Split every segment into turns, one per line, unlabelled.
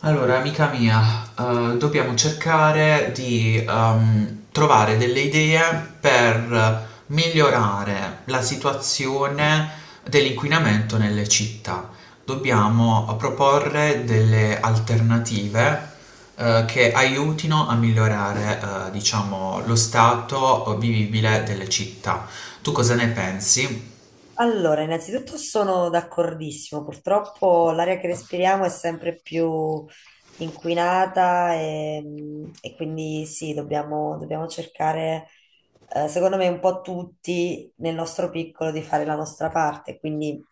Allora, amica mia, dobbiamo cercare di trovare delle idee per migliorare la situazione dell'inquinamento nelle città. Dobbiamo proporre delle alternative che aiutino a migliorare, diciamo, lo stato vivibile delle città. Tu cosa ne pensi?
Allora, innanzitutto sono d'accordissimo, purtroppo l'aria che respiriamo è sempre più inquinata e quindi sì, dobbiamo cercare, secondo me, un po' tutti nel nostro piccolo di fare la nostra parte. Quindi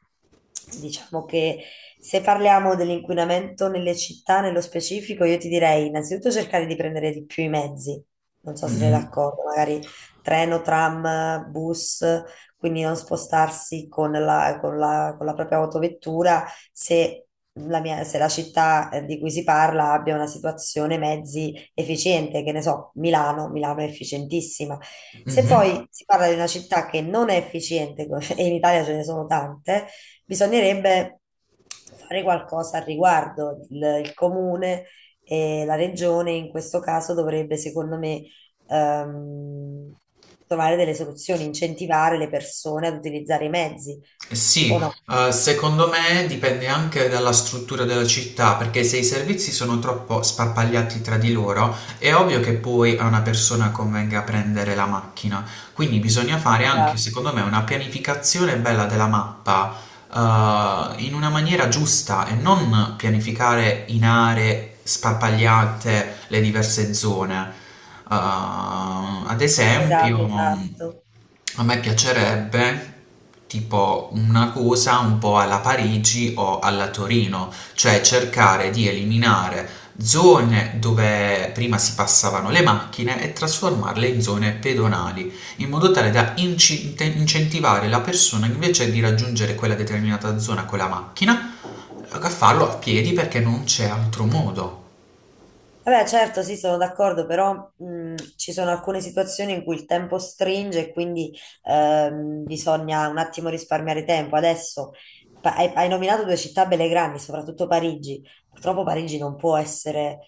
diciamo che se parliamo dell'inquinamento nelle città, nello specifico, io ti direi innanzitutto cercare di prendere di più i mezzi, non so se sei
Mm-mm.
d'accordo, magari treno, tram, bus, quindi non spostarsi con la propria autovettura se se la città di cui si parla abbia una situazione mezzi efficiente, che ne so, Milano, Milano è efficientissima. Se
Mhm.
poi si parla di una città che non è efficiente, e in Italia ce ne sono tante, bisognerebbe fare qualcosa al riguardo. Il comune e la regione in questo caso dovrebbe, secondo me, ehm, trovare delle soluzioni, incentivare le persone ad utilizzare i mezzi,
Eh sì,
o no?
secondo me dipende anche dalla struttura della città, perché se i servizi sono troppo sparpagliati tra di loro, è ovvio che poi a una persona convenga prendere la macchina. Quindi bisogna fare anche,
Esatto,
secondo me, una pianificazione bella della mappa in una maniera giusta e non pianificare in aree sparpagliate le diverse zone. Eh, ad esempio,
esatto, esatto.
a me piacerebbe tipo una cosa un po' alla Parigi o alla Torino, cioè cercare di eliminare zone dove prima si passavano le macchine e trasformarle in zone pedonali in modo tale da incentivare la persona invece di raggiungere quella determinata zona con la macchina a farlo a piedi perché non c'è altro modo.
Vabbè, certo, sì, sono d'accordo, però ci sono alcune situazioni in cui il tempo stringe e quindi bisogna un attimo risparmiare tempo. Adesso hai, hai nominato due città belle grandi, soprattutto Parigi. Purtroppo Parigi non può essere,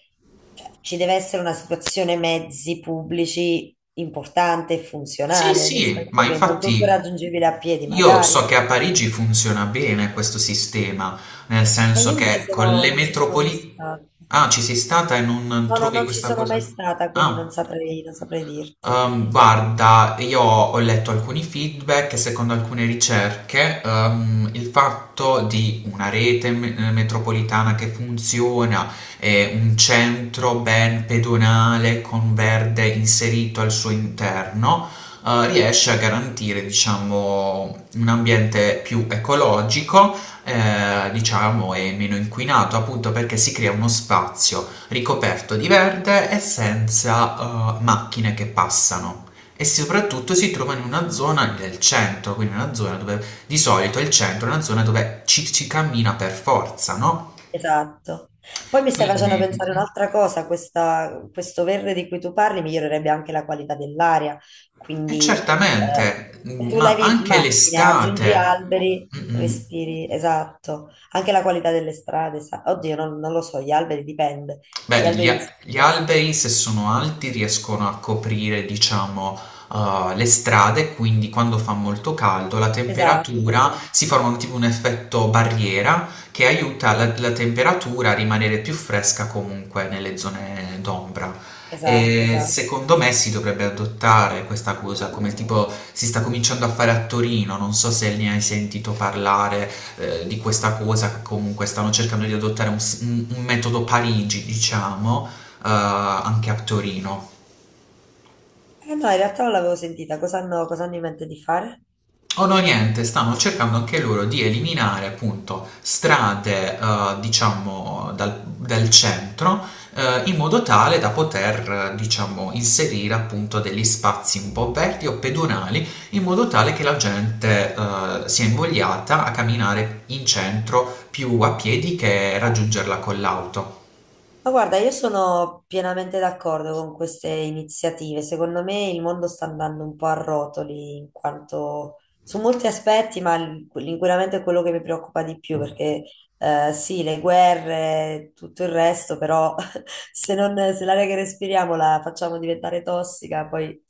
cioè, ci deve essere una situazione mezzi pubblici importante e
Sì,
funzionale, nel
sì,
senso
ma
che non tutto è
infatti
raggiungibile a piedi,
io
magari.
so che a Parigi funziona bene questo sistema, nel
E io
senso che con le
non ci sono mai
metropoli...
stata.
Ah, ci sei stata e non
No, no,
trovi
non ci
questa
sono
cosa?
mai stata, quindi
Ah.
non saprei dirti.
Guarda, io ho letto alcuni feedback e secondo alcune ricerche, il fatto di una rete metropolitana che funziona e un centro ben pedonale con verde inserito al suo interno, riesce a garantire, diciamo, un ambiente più ecologico, diciamo, e meno inquinato, appunto perché si crea uno spazio ricoperto di verde e senza macchine che passano e soprattutto si trova in una zona del centro, quindi una zona dove di solito il centro è una zona dove ci si cammina per forza, no?
Esatto. Poi mi stai
Quindi,
facendo pensare
praticamente.
un'altra
Mhm.
cosa, questo verde di cui tu parli migliorerebbe anche la qualità dell'aria,
E
quindi eh,
certamente,
se tu
ma
levi
anche
macchine, aggiungi
l'estate.
alberi,
Mm, mm.
respiri, esatto, anche la qualità delle strade, sa- Oddio, non lo so, gli alberi dipende, gli
Beh,
alberi... di
gli
sotto.
alberi, se sono alti, riescono a coprire, diciamo, le strade, quindi quando fa molto caldo la
Esatto,
temperatura
esatto,
si forma tipo un effetto barriera che aiuta la temperatura a rimanere più fresca comunque nelle zone d'ombra.
esatto,
E
esatto.
secondo me si dovrebbe adottare questa cosa, come tipo si sta cominciando a fare a Torino, non so se ne hai sentito parlare, di questa cosa che comunque stanno cercando di adottare un metodo Parigi, diciamo, anche a Torino.
Eh no, in realtà non l'avevo sentita, cosa hanno in mente di fare?
O no, niente, stanno cercando anche loro di eliminare appunto strade, diciamo, dal centro, in modo tale da poter, diciamo, inserire appunto degli spazi un po' aperti o pedonali, in modo tale che la gente, sia invogliata a camminare in centro più a piedi che
Ah,
raggiungerla con l'auto.
ma guarda, io sono pienamente d'accordo con queste iniziative. Secondo me il mondo sta andando un po' a rotoli in quanto su molti aspetti, ma l'inquinamento è quello che mi preoccupa di più perché sì, le guerre, tutto il resto, però se non, se l'aria che respiriamo la facciamo diventare tossica, poi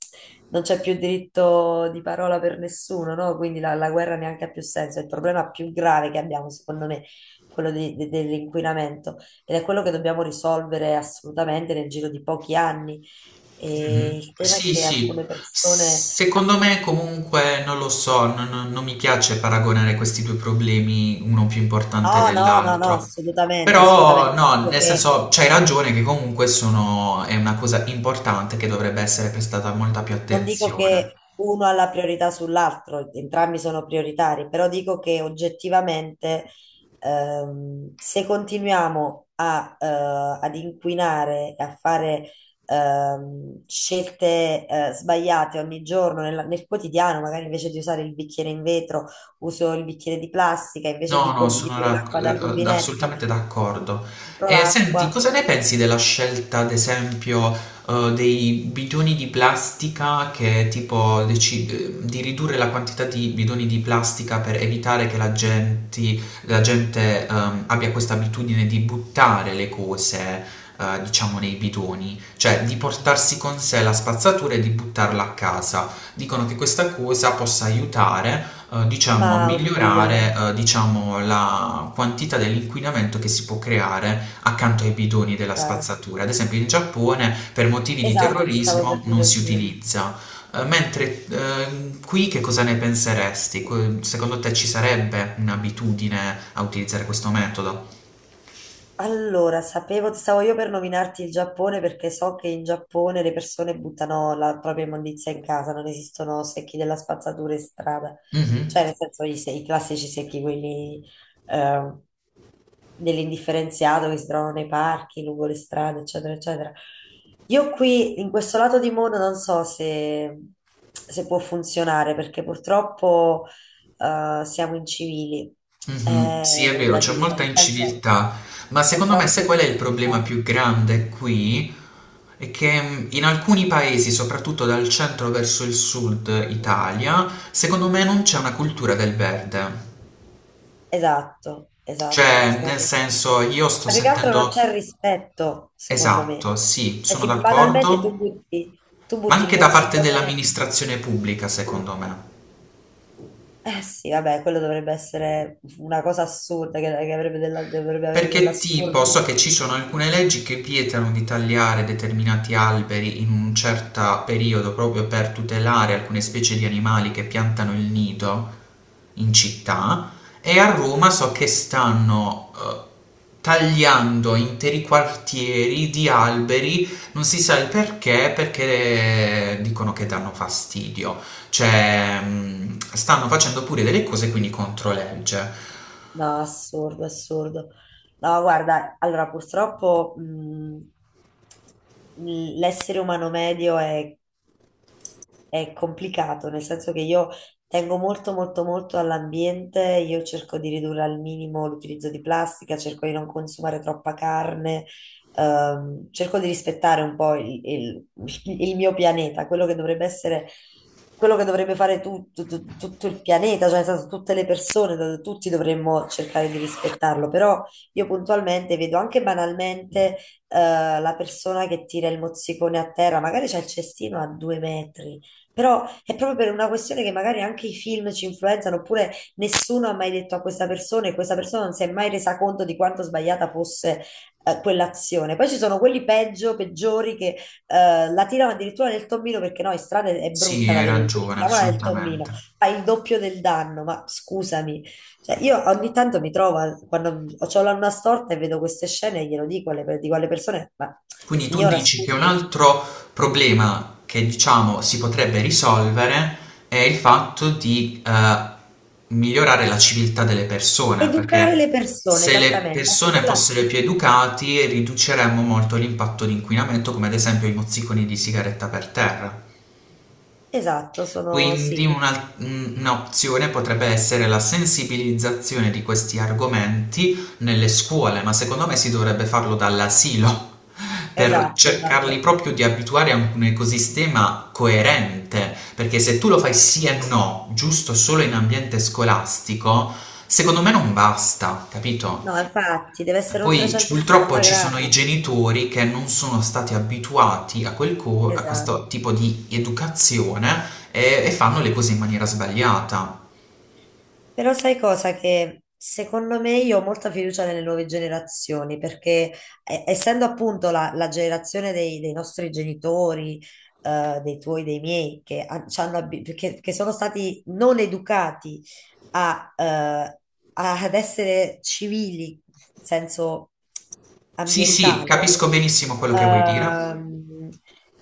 non c'è più diritto di parola per nessuno, no? Quindi la guerra neanche ha più senso. È il problema più grave che abbiamo, secondo me, quello dell'inquinamento ed è quello che dobbiamo risolvere assolutamente nel giro di pochi anni.
Mh-mh.
E il tema è
Sì,
che
sì.
alcune persone...
Secondo me comunque non lo so, non mi piace paragonare questi 2 problemi, uno più importante
ah, no, no, no, no,
dell'altro.
assolutamente,
Però
assolutamente.
no,
Dico
nel
che
senso c'hai ragione che comunque sono è una cosa importante che dovrebbe essere prestata molta più
non dico
attenzione.
che uno ha la priorità sull'altro, entrambi sono prioritari, però dico che oggettivamente se continuiamo ad inquinare e a fare scelte sbagliate ogni giorno nel quotidiano, magari invece di usare il bicchiere in vetro, uso il bicchiere di plastica, invece
No,
di,
no,
di bere l'acqua dal rubinetto,
assolutamente d'accordo.
compro
E
l'acqua,
senti, cosa ne pensi della scelta, ad esempio, dei bidoni di plastica che tipo di ridurre la quantità di bidoni di plastica per evitare che la gente, abbia questa abitudine di buttare le cose, diciamo, nei bidoni, cioè di portarsi con sé la spazzatura e di buttarla a casa. Dicono che questa cosa possa aiutare diciamo,
ma oddio,
migliorare, diciamo, la quantità dell'inquinamento che si può creare accanto ai bidoni della
raga.
spazzatura. Ad esempio, in Giappone per motivi di
Esatto, ti stavo
terrorismo
per
non
dire
si
quello.
utilizza. Mentre qui che cosa ne penseresti? Que- Secondo te ci sarebbe un'abitudine a utilizzare questo metodo?
Allora, sapevo, stavo io per nominarti il Giappone perché so che in Giappone le persone buttano la propria immondizia in casa, non esistono secchi della spazzatura in strada,
Mhm.
cioè nel senso i, se- i classici secchi, quelli eh, dell'indifferenziato che si trovano nei parchi, lungo le strade, eccetera, eccetera. Io qui, in questo lato di mondo, non so se può funzionare perché purtroppo siamo incivili,
Mhm,
è
sì, è vero,
da
c'è
dire,
molta
nel senso
inciviltà, ma
c'è
secondo me
troppa
sai qual è il problema
inciviltà.
più grande qui? È che in alcuni paesi, soprattutto dal centro verso il sud Italia, secondo me non c'è una cultura del verde.
Esatto, esatto.
Cioè, nel
Sono-
senso, io sto
Ma più che altro non
sentendo...
c'è rispetto, secondo me.
Esatto, sì,
Cioè,
sono
sì, banalmente
d'accordo,
tu
ma
butti il
anche da parte
mozzicone.
dell'amministrazione pubblica, secondo me.
Eh sì, vabbè, quello dovrebbe essere una cosa assurda, che avrebbe dovrebbe avere
Perché tipo
dell'assurdo.
so che ci sono alcune leggi che vietano di tagliare determinati alberi in un certo periodo proprio per tutelare alcune specie di animali che piantano il nido in città e a Roma so che stanno tagliando interi quartieri di alberi, non si sa il perché, perché dicono che danno fastidio, cioè mm, stanno facendo pure delle cose quindi contro legge.
No, assurdo, assurdo. No, guarda, allora purtroppo l'essere umano medio è complicato, nel senso che io tengo molto, molto, molto all'ambiente, io cerco di ridurre al minimo l'utilizzo di plastica, cerco di non consumare troppa carne, cerco di rispettare un po' il mio pianeta, quello che dovrebbe essere, quello che dovrebbe fare tutto il pianeta, cioè nel senso, tutte le persone, tutti dovremmo cercare di rispettarlo, però io puntualmente vedo anche banalmente la persona che tira il mozzicone a terra, magari c'è il cestino a due metri, però è proprio per una questione che magari anche i film ci influenzano, oppure nessuno ha mai detto a questa persona e questa persona non si è mai resa conto di quanto sbagliata fosse quell'azione. Poi ci sono quelli peggio, peggiori che la tirano addirittura nel tommino perché no, in strada è
Sì,
brutta da
hai
vedere, quindi
ragione,
tiriamola nel tommino,
assolutamente.
fa il doppio del danno, ma scusami. Cioè, io ogni tanto mi trovo, quando ho l'anna storta e vedo queste scene, glielo dico dico alle persone, ma
Quindi tu
signora,
dici che un
scusi,
altro problema che diciamo si potrebbe risolvere è il fatto di migliorare la civiltà delle persone,
educare
perché
le persone,
se le
esattamente, a
persone
scuola,
fossero più educate riduceremmo molto l'impatto di inquinamento, come ad esempio i mozziconi di sigaretta per terra.
esatto, sono,
Quindi
sì,
un'opzione potrebbe essere la sensibilizzazione di questi argomenti nelle scuole, ma secondo me si dovrebbe farlo dall'asilo per
esatto,
cercarli
esatto.
proprio di abituare a un ecosistema coerente, perché se tu lo fai sì e no, giusto solo in ambiente scolastico, secondo me non basta, capito?
No, infatti, deve essere un
Poi purtroppo
360
ci sono i
gradi,
genitori che non sono stati abituati a
esatto.
questo tipo di educazione e fanno le cose in maniera sbagliata.
Però sai cosa? Che secondo me io ho molta fiducia nelle nuove generazioni, perché essendo appunto la generazione dei nostri genitori, dei tuoi, dei miei, che, ha- ci hanno abi- che sono stati non educati a, eh, ad essere civili, in senso
Sì, sì,
ambientale,
capisco benissimo quello che vuoi dire.
ehm,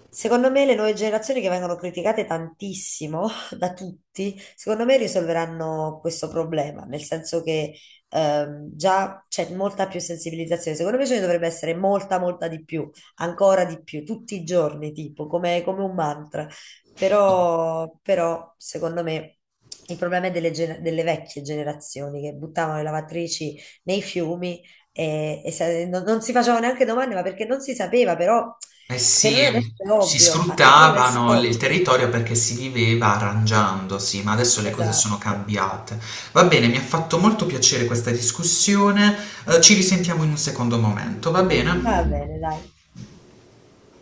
secondo me le nuove generazioni che vengono criticate tantissimo da tutti, secondo me risolveranno questo problema, nel senso che già c'è molta più sensibilizzazione, secondo me ce ne dovrebbe essere molta, molta di più, ancora di più, tutti i giorni, tipo, come come un mantra. Però, però, secondo me, il problema è delle vecchie generazioni che buttavano le lavatrici nei fiumi e non si facevano neanche domande, ma perché non si sapeva, però
Eh
per
sì,
noi adesso è
si
ovvio. Ah, per noi adesso è
sfruttavano il
ovvio.
territorio perché si viveva arrangiandosi, ma adesso le cose sono
Esatto.
cambiate. Va bene, mi ha fatto molto piacere questa discussione. Ci risentiamo in un secondo momento, va
Va
bene?
bene, dai.